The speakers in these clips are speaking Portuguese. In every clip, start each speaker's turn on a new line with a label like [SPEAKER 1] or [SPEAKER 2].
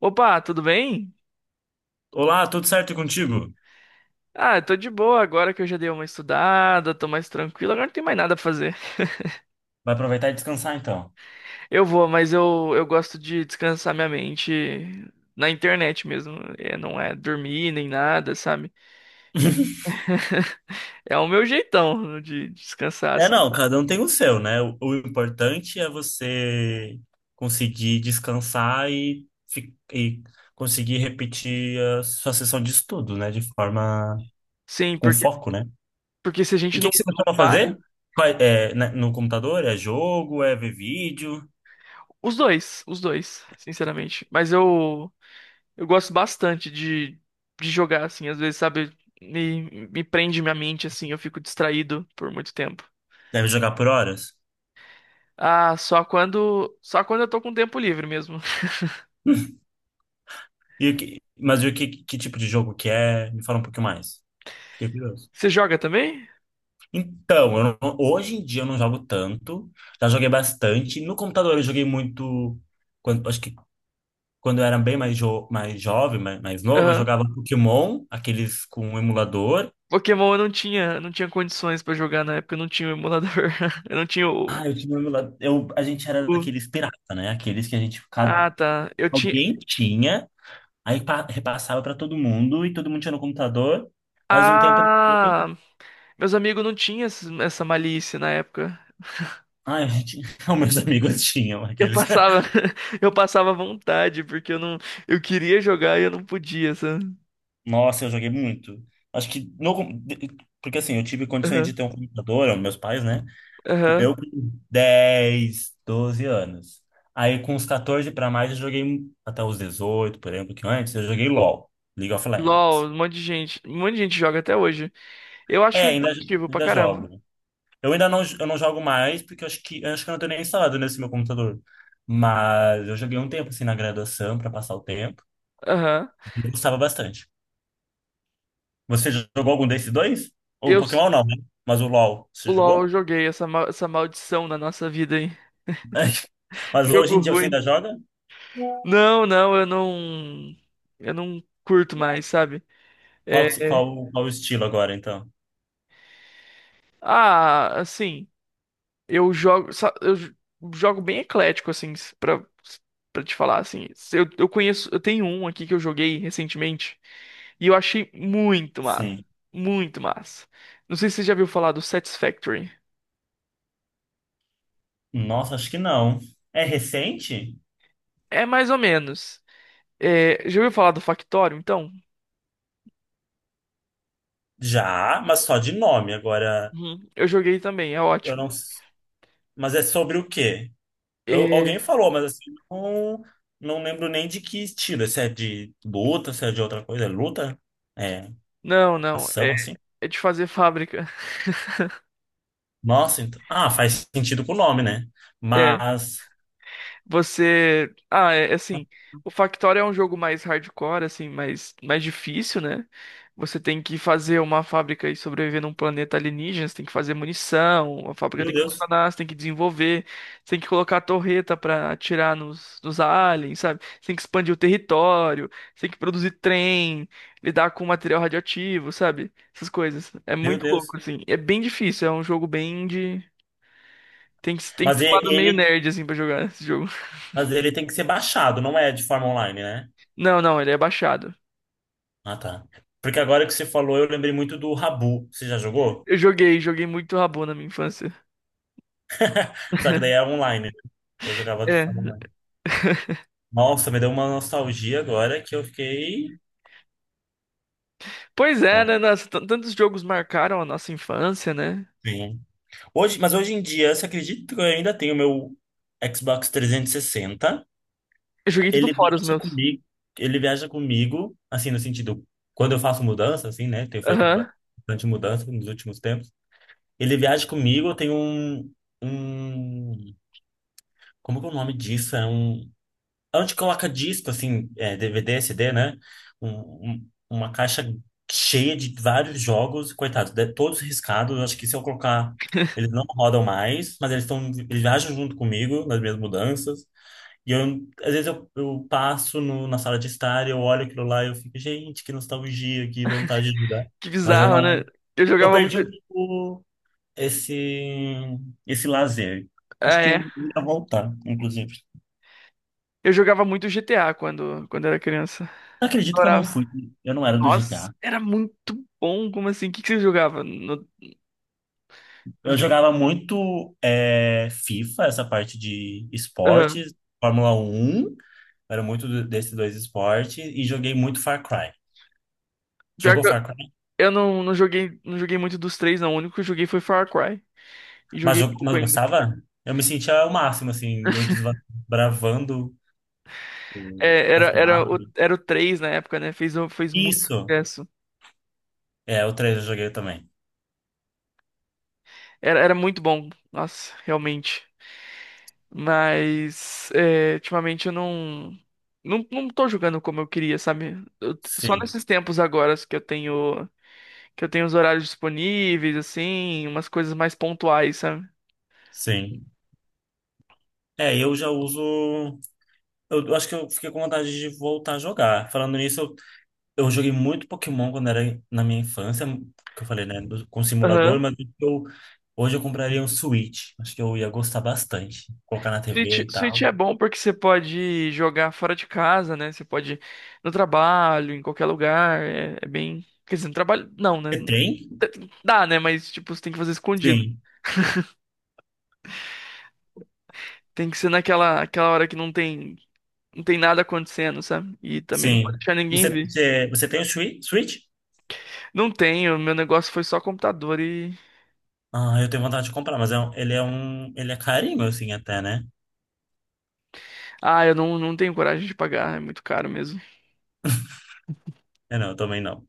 [SPEAKER 1] Opa, tudo bem?
[SPEAKER 2] Olá, tudo certo contigo?
[SPEAKER 1] Ah, eu tô de boa agora que eu já dei uma estudada, tô mais tranquilo, agora não tem mais nada pra fazer.
[SPEAKER 2] Vai aproveitar e descansar então.
[SPEAKER 1] Eu vou, mas eu gosto de descansar minha mente na internet mesmo. É, não é dormir nem nada, sabe? É o meu jeitão de descansar,
[SPEAKER 2] É,
[SPEAKER 1] assim.
[SPEAKER 2] não, cada um tem o seu, né? O importante é você conseguir descansar e, e conseguir repetir a sua sessão de estudo, né? De forma
[SPEAKER 1] Sim,
[SPEAKER 2] com
[SPEAKER 1] porque,
[SPEAKER 2] foco, né?
[SPEAKER 1] porque se a
[SPEAKER 2] E o
[SPEAKER 1] gente
[SPEAKER 2] que
[SPEAKER 1] não,
[SPEAKER 2] que você
[SPEAKER 1] não
[SPEAKER 2] costuma
[SPEAKER 1] para,
[SPEAKER 2] fazer? É, né, no computador? É jogo? É ver vídeo?
[SPEAKER 1] os dois, sinceramente. Mas eu gosto bastante de jogar, assim, às vezes, sabe, me prende minha mente, assim, eu fico distraído por muito tempo.
[SPEAKER 2] Deve jogar por horas?
[SPEAKER 1] Ah, só quando eu tô com tempo livre mesmo.
[SPEAKER 2] E o que, mas e o que, que tipo de jogo que é? Me fala um pouquinho mais. Fiquei curioso.
[SPEAKER 1] Você joga também?
[SPEAKER 2] Então, eu não- hoje em dia eu não jogo tanto, já joguei bastante. No computador eu joguei muito, quando, acho que quando eu era bem mais jovem, mais novo, eu
[SPEAKER 1] Aham.
[SPEAKER 2] jogava Pokémon, aqueles com um emulador.
[SPEAKER 1] Pokémon eu não tinha, não tinha condições pra jogar na época, eu não tinha o emulador. Eu não tinha o,
[SPEAKER 2] Ah, eu tinha um emulador, eu, a gente era
[SPEAKER 1] o-
[SPEAKER 2] daqueles pirata, né? Aqueles que a gente, cada,
[SPEAKER 1] Ah, tá. Eu tinha.
[SPEAKER 2] alguém tinha, repassava para todo mundo e todo mundo tinha no computador, mas um tempo depois,
[SPEAKER 1] Ah, meus amigos não tinham essa malícia na época.
[SPEAKER 2] ah, a gente, os meus amigos tinham
[SPEAKER 1] Eu
[SPEAKER 2] aqueles.
[SPEAKER 1] passava, eu passava vontade, porque eu não, eu queria jogar e eu não podia, sabe?
[SPEAKER 2] Nossa, eu joguei muito. Acho que no, porque assim, eu tive condições de ter um computador, é, meus pais, né?
[SPEAKER 1] Aham.
[SPEAKER 2] Eu com 10, 12 anos. Aí com uns 14 para mais eu joguei até os 18, por exemplo, que antes eu joguei LoL, League of
[SPEAKER 1] LOL,
[SPEAKER 2] Legends.
[SPEAKER 1] um monte de gente. Um monte de gente joga até hoje. Eu
[SPEAKER 2] É,
[SPEAKER 1] acho impactivo pra
[SPEAKER 2] ainda
[SPEAKER 1] caramba.
[SPEAKER 2] jogo. Eu não jogo mais porque eu acho que eu não tenho nem instalado nesse meu computador. Mas eu joguei um tempo assim na graduação para passar o tempo.
[SPEAKER 1] Aham.
[SPEAKER 2] Eu gostava bastante. Você jogou algum desses dois? O
[SPEAKER 1] Eu,
[SPEAKER 2] Pokémon não, né? Mas o LoL,
[SPEAKER 1] o
[SPEAKER 2] você
[SPEAKER 1] LOL, eu
[SPEAKER 2] jogou?
[SPEAKER 1] joguei essa, essa maldição na nossa vida, hein?
[SPEAKER 2] Mas hoje
[SPEAKER 1] Jogo
[SPEAKER 2] em dia você ainda
[SPEAKER 1] ruim.
[SPEAKER 2] joga?
[SPEAKER 1] Não, eu não. Eu não curto mais, sabe?
[SPEAKER 2] Qual,
[SPEAKER 1] É,
[SPEAKER 2] que se- qual, qual o estilo agora, então?
[SPEAKER 1] assim. Eu jogo, jogo bem eclético, assim, pra, pra te falar, assim. Se eu, eu conheço, eu tenho um aqui que eu joguei recentemente e eu achei muito, mano.
[SPEAKER 2] Sim.
[SPEAKER 1] Muito massa. Não sei se você já viu falar do Satisfactory.
[SPEAKER 2] Nossa, acho que não. É recente?
[SPEAKER 1] É mais ou menos. É, já ouviu falar do Factório, então?
[SPEAKER 2] Já, mas só de nome. Agora,
[SPEAKER 1] Uhum. Eu joguei também, é
[SPEAKER 2] eu
[SPEAKER 1] ótimo.
[SPEAKER 2] não. s- mas é sobre o quê?
[SPEAKER 1] É,
[SPEAKER 2] Alguém falou, mas assim, não, não lembro nem de que estilo. Se é de luta, se é de outra coisa. É luta? É
[SPEAKER 1] não, não.
[SPEAKER 2] ação,
[SPEAKER 1] É,
[SPEAKER 2] assim?
[SPEAKER 1] é de fazer fábrica.
[SPEAKER 2] Nossa, então. Ah, faz sentido com o nome, né? Mas.
[SPEAKER 1] Você. É assim. O Factorio é um jogo mais hardcore, assim, mais difícil, né? Você tem que fazer uma fábrica e sobreviver num planeta alienígena, você tem que fazer munição, a fábrica
[SPEAKER 2] Meu
[SPEAKER 1] tem que
[SPEAKER 2] Deus,
[SPEAKER 1] funcionar, você tem que desenvolver, você tem que colocar a torreta pra atirar nos aliens, sabe? Você tem que expandir o território, você tem que produzir trem, lidar com material radioativo, sabe? Essas coisas. É
[SPEAKER 2] meu
[SPEAKER 1] muito louco,
[SPEAKER 2] Deus.
[SPEAKER 1] assim. É bem difícil, é um jogo bem de. Tem que
[SPEAKER 2] Mas
[SPEAKER 1] ter
[SPEAKER 2] e-
[SPEAKER 1] um lado meio
[SPEAKER 2] ele,
[SPEAKER 1] nerd, assim, pra jogar esse jogo.
[SPEAKER 2] mas ele tem que ser baixado, não é de forma online, né?
[SPEAKER 1] Não, ele é baixado.
[SPEAKER 2] Ah, tá. Porque agora que você falou, eu lembrei muito do Rabu. Você já jogou?
[SPEAKER 1] Eu joguei, joguei muito Rabu na minha infância.
[SPEAKER 2] Só que daí é online, né? Eu jogava de
[SPEAKER 1] É.
[SPEAKER 2] forma online. Nossa, me deu uma nostalgia agora que eu fiquei.
[SPEAKER 1] Pois é,
[SPEAKER 2] Nossa,
[SPEAKER 1] né? Nossa, tantos jogos marcaram a nossa infância, né?
[SPEAKER 2] sim. Mas hoje em dia, você acredita que eu ainda tenho meu Xbox 360.
[SPEAKER 1] Eu joguei tudo
[SPEAKER 2] Ele
[SPEAKER 1] fora os
[SPEAKER 2] viaja
[SPEAKER 1] meus.
[SPEAKER 2] comigo. Ele viaja comigo, assim, no sentido, quando eu faço mudança, assim, né? Tenho feito
[SPEAKER 1] Aham.
[SPEAKER 2] bastante mudança nos últimos tempos. Ele viaja comigo, eu tenho um. Como que é o nome disso? É um onde coloca disco, assim, é, DVD, CD, né? Uma caixa cheia de vários jogos, coitados, todos riscados. Acho que se eu colocar, eles não rodam mais, mas eles estão, eles viajam junto comigo nas minhas mudanças. E eu, às vezes eu passo na sala de estar e eu olho aquilo lá e eu fico, gente, que nostalgia, que vontade de jogar.
[SPEAKER 1] Que
[SPEAKER 2] Mas eu
[SPEAKER 1] bizarro, né?
[SPEAKER 2] não.
[SPEAKER 1] Eu
[SPEAKER 2] Eu
[SPEAKER 1] jogava muito.
[SPEAKER 2] perdi um pouco esse, esse lazer.
[SPEAKER 1] Ah,
[SPEAKER 2] Acho que
[SPEAKER 1] é.
[SPEAKER 2] eu ia voltar, inclusive.
[SPEAKER 1] Eu jogava muito GTA quando, quando era criança.
[SPEAKER 2] Não acredito que eu não
[SPEAKER 1] Adorava.
[SPEAKER 2] fui. Eu não era do
[SPEAKER 1] Nossa,
[SPEAKER 2] GTA.
[SPEAKER 1] era muito bom. Como assim? O que que você jogava no
[SPEAKER 2] Eu
[SPEAKER 1] videogame?
[SPEAKER 2] jogava muito é, FIFA, essa parte de
[SPEAKER 1] Aham.
[SPEAKER 2] esportes, Fórmula 1, era muito desses dois esportes, e joguei muito Far Cry.
[SPEAKER 1] Pior
[SPEAKER 2] Jogou
[SPEAKER 1] que
[SPEAKER 2] Far Cry?
[SPEAKER 1] eu não, não joguei, não joguei muito dos três, não. O único que eu joguei foi Far Cry. E
[SPEAKER 2] Mas,
[SPEAKER 1] joguei
[SPEAKER 2] jo- mas
[SPEAKER 1] pouco.
[SPEAKER 2] eu gostava. Eu me sentia o máximo, assim, eu desbravando as mapas.
[SPEAKER 1] Era o 3 na época, né? Fez, fez muito
[SPEAKER 2] Isso!
[SPEAKER 1] sucesso.
[SPEAKER 2] É, o 3 eu joguei também.
[SPEAKER 1] Era muito bom, nossa, realmente. Mas, é, ultimamente eu não. Não tô jogando como eu queria, sabe? Só
[SPEAKER 2] Sim,
[SPEAKER 1] nesses tempos agora que eu tenho. Que eu tenho os horários disponíveis, assim, umas coisas mais pontuais, sabe?
[SPEAKER 2] sim. É, eu já uso. Eu acho que eu fiquei com vontade de voltar a jogar. Falando nisso, eu joguei muito Pokémon quando era na minha infância, que eu falei, né, com simulador, mas eu, hoje eu compraria um Switch. Acho que eu ia gostar bastante. Colocar na TV e tal.
[SPEAKER 1] Switch é bom porque você pode jogar fora de casa, né? Você pode ir no trabalho, em qualquer lugar. É, é bem. Quer dizer, no trabalho. Não, né?
[SPEAKER 2] Você tem?
[SPEAKER 1] Dá, né? Mas, tipo, você tem que fazer escondido.
[SPEAKER 2] Sim,
[SPEAKER 1] Tem que ser naquela aquela hora que não tem nada acontecendo, sabe? E também não
[SPEAKER 2] sim.
[SPEAKER 1] pode deixar ninguém
[SPEAKER 2] Você,
[SPEAKER 1] ver.
[SPEAKER 2] você, você tem o Switch? Switch?
[SPEAKER 1] Não tenho, meu negócio foi só computador e.
[SPEAKER 2] Ah, eu tenho vontade de comprar, mas é, ele é um, ele é carinho, assim, até, né?
[SPEAKER 1] Ah, eu não, não tenho coragem de pagar, é muito caro mesmo.
[SPEAKER 2] É, não, eu também não.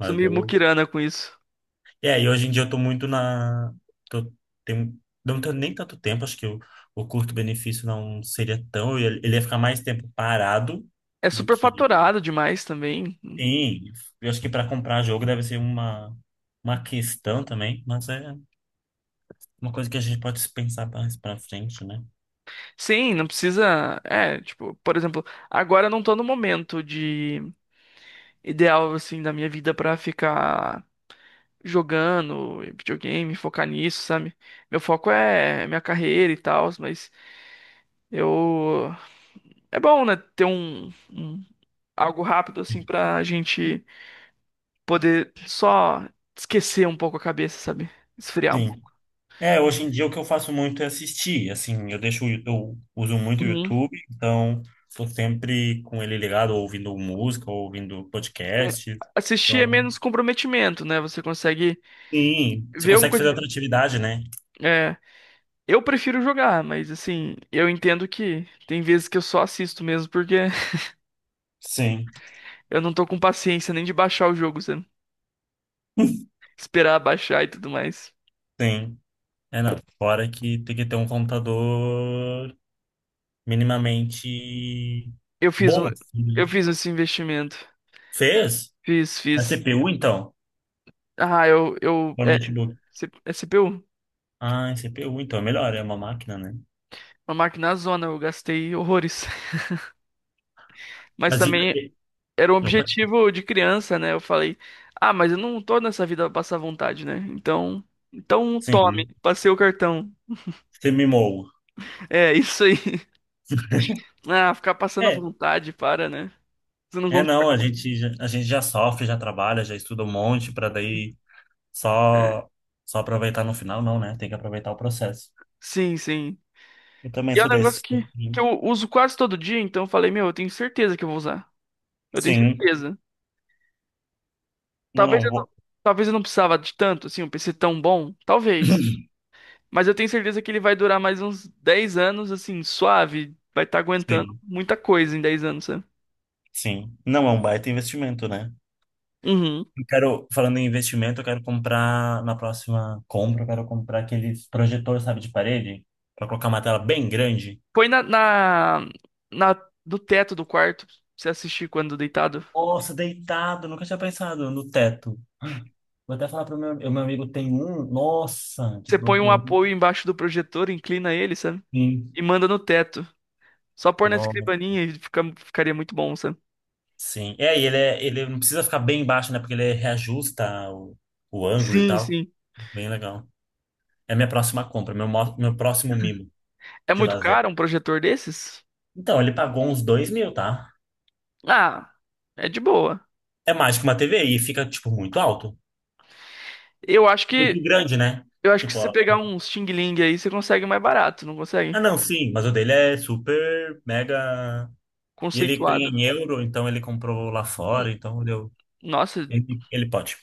[SPEAKER 1] Sou meio
[SPEAKER 2] eu,
[SPEAKER 1] muquirana com isso.
[SPEAKER 2] é, e hoje em dia eu tô muito na. Tô, tem, não tenho nem tanto tempo, acho que o curto-benefício não seria tão. Ele ia ficar mais tempo parado
[SPEAKER 1] É
[SPEAKER 2] do que.
[SPEAKER 1] superfaturado demais também.
[SPEAKER 2] Sim, eu acho que para comprar jogo deve ser uma questão também, mas é uma coisa que a gente pode pensar mais para frente, né?
[SPEAKER 1] Sim, não precisa. É, tipo, por exemplo, agora eu não tô no momento de ideal, assim, da minha vida pra ficar jogando videogame, focar nisso, sabe? Meu foco é minha carreira e tal, mas eu. É bom, né? Ter um algo rápido, assim, pra gente poder só esquecer um pouco a cabeça, sabe? Esfriar um
[SPEAKER 2] Sim.
[SPEAKER 1] pouco.
[SPEAKER 2] É, hoje em dia o que eu faço muito é assistir, assim, eu deixo, eu uso muito o
[SPEAKER 1] Uhum.
[SPEAKER 2] YouTube, então tô sempre com ele ligado, ou ouvindo música, ou ouvindo
[SPEAKER 1] É,
[SPEAKER 2] podcast,
[SPEAKER 1] assistir
[SPEAKER 2] então
[SPEAKER 1] é menos comprometimento, né? Você consegue
[SPEAKER 2] sim, você
[SPEAKER 1] ver uma
[SPEAKER 2] consegue fazer
[SPEAKER 1] coisa.
[SPEAKER 2] outra atividade, né?
[SPEAKER 1] É, eu prefiro jogar, mas assim, eu entendo que tem vezes que eu só assisto mesmo porque
[SPEAKER 2] Sim,
[SPEAKER 1] eu não tô com paciência nem de baixar o jogo, sabe? Esperar baixar e tudo mais.
[SPEAKER 2] sim. É, não. Fora que tem que ter um computador minimamente
[SPEAKER 1] Eu fiz
[SPEAKER 2] bom,
[SPEAKER 1] um,
[SPEAKER 2] assim,
[SPEAKER 1] eu
[SPEAKER 2] né?
[SPEAKER 1] fiz esse investimento.
[SPEAKER 2] Fez?
[SPEAKER 1] Fiz,
[SPEAKER 2] É
[SPEAKER 1] fiz.
[SPEAKER 2] CPU, então?
[SPEAKER 1] Ah, eu, eu,
[SPEAKER 2] Ou
[SPEAKER 1] é,
[SPEAKER 2] notebook?
[SPEAKER 1] é CPU,
[SPEAKER 2] Ah, é CPU, então. É melhor, é uma máquina, né?
[SPEAKER 1] uma máquina na zona, eu gastei horrores. Mas
[SPEAKER 2] Mas e...
[SPEAKER 1] também
[SPEAKER 2] e-
[SPEAKER 1] era um
[SPEAKER 2] Opa,
[SPEAKER 1] objetivo de criança, né? Eu falei, ah, mas eu não tô nessa vida pra passar vontade, né? Então, então tome,
[SPEAKER 2] sim.
[SPEAKER 1] passei o cartão.
[SPEAKER 2] Você mimou.
[SPEAKER 1] É, isso aí. Ah, ficar passando
[SPEAKER 2] É.
[SPEAKER 1] vontade, para, né? Você não
[SPEAKER 2] É,
[SPEAKER 1] concorda?
[SPEAKER 2] não, a gente, a gente já sofre, já trabalha, já estuda um monte para daí só, só aproveitar no final, não, né? Tem que aproveitar o processo.
[SPEAKER 1] Sim, sim.
[SPEAKER 2] Eu também
[SPEAKER 1] E é
[SPEAKER 2] sou
[SPEAKER 1] um negócio
[SPEAKER 2] desse,
[SPEAKER 1] que
[SPEAKER 2] assim.
[SPEAKER 1] eu uso quase todo dia, então eu falei, meu, eu tenho certeza que eu vou usar. Eu tenho
[SPEAKER 2] Sim.
[SPEAKER 1] certeza.
[SPEAKER 2] Não,
[SPEAKER 1] Talvez
[SPEAKER 2] não,
[SPEAKER 1] eu não, talvez eu não precisava de tanto, assim, um PC tão bom, talvez. Mas eu tenho certeza que ele vai durar mais uns 10 anos, assim, suave. Vai estar aguentando
[SPEAKER 2] sim,
[SPEAKER 1] muita coisa em 10 anos, sabe?
[SPEAKER 2] sim. Não é um baita investimento, né?
[SPEAKER 1] Uhum.
[SPEAKER 2] Eu quero, falando em investimento, eu quero comprar, na próxima compra, eu quero comprar aqueles projetores, sabe, de parede, pra colocar uma tela bem grande.
[SPEAKER 1] Põe na do teto do quarto, pra você assistir quando deitado.
[SPEAKER 2] Nossa, deitado, nunca tinha pensado no teto. Ah, vou até falar pro meu, o meu amigo tem um, nossa,
[SPEAKER 1] Você põe um
[SPEAKER 2] desbloqueou um.
[SPEAKER 1] apoio embaixo do projetor, inclina ele, sabe?
[SPEAKER 2] Sim.
[SPEAKER 1] E manda no teto. Só pôr na
[SPEAKER 2] Nossa,
[SPEAKER 1] escrivaninha e ficaria muito bom, sabe?
[SPEAKER 2] sim. É, e ele, é, ele não precisa ficar bem baixo, né, porque ele reajusta o ângulo e
[SPEAKER 1] Sim,
[SPEAKER 2] tal.
[SPEAKER 1] sim.
[SPEAKER 2] Bem legal. É a minha próxima compra, meu, meu próximo mimo
[SPEAKER 1] É
[SPEAKER 2] de
[SPEAKER 1] muito
[SPEAKER 2] lazer.
[SPEAKER 1] caro um projetor desses?
[SPEAKER 2] Então, ele pagou uns 2 mil, tá?
[SPEAKER 1] Ah, é de boa.
[SPEAKER 2] É mais que uma TV e fica, tipo, muito alto.
[SPEAKER 1] Eu acho
[SPEAKER 2] Muito
[SPEAKER 1] que
[SPEAKER 2] grande, né?
[SPEAKER 1] eu acho que
[SPEAKER 2] Tipo,
[SPEAKER 1] se você
[SPEAKER 2] ó,
[SPEAKER 1] pegar um Xing Ling aí, você consegue mais barato, não consegue?
[SPEAKER 2] ah, não, sim, mas o dele é super, mega. E ele ganha
[SPEAKER 1] Conceituado.
[SPEAKER 2] em euro, então ele comprou lá
[SPEAKER 1] Hum,
[SPEAKER 2] fora, então deu.
[SPEAKER 1] Nossa,
[SPEAKER 2] Ele pode.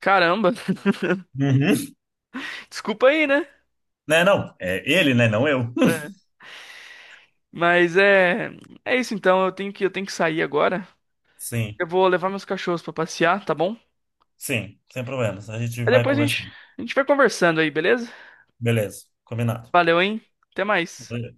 [SPEAKER 1] caramba.
[SPEAKER 2] Uhum.
[SPEAKER 1] Desculpa aí, né?
[SPEAKER 2] Né, não? É ele, né? Não eu.
[SPEAKER 1] É. Mas é é isso então, eu tenho que sair agora.
[SPEAKER 2] Sim,
[SPEAKER 1] Eu vou levar meus cachorros pra passear, tá bom?
[SPEAKER 2] sim, sem problemas. A gente
[SPEAKER 1] Aí
[SPEAKER 2] vai
[SPEAKER 1] depois
[SPEAKER 2] conversando.
[SPEAKER 1] a gente vai conversando aí, beleza?
[SPEAKER 2] Beleza, combinado.
[SPEAKER 1] Valeu, hein? Até mais.
[SPEAKER 2] Valeu.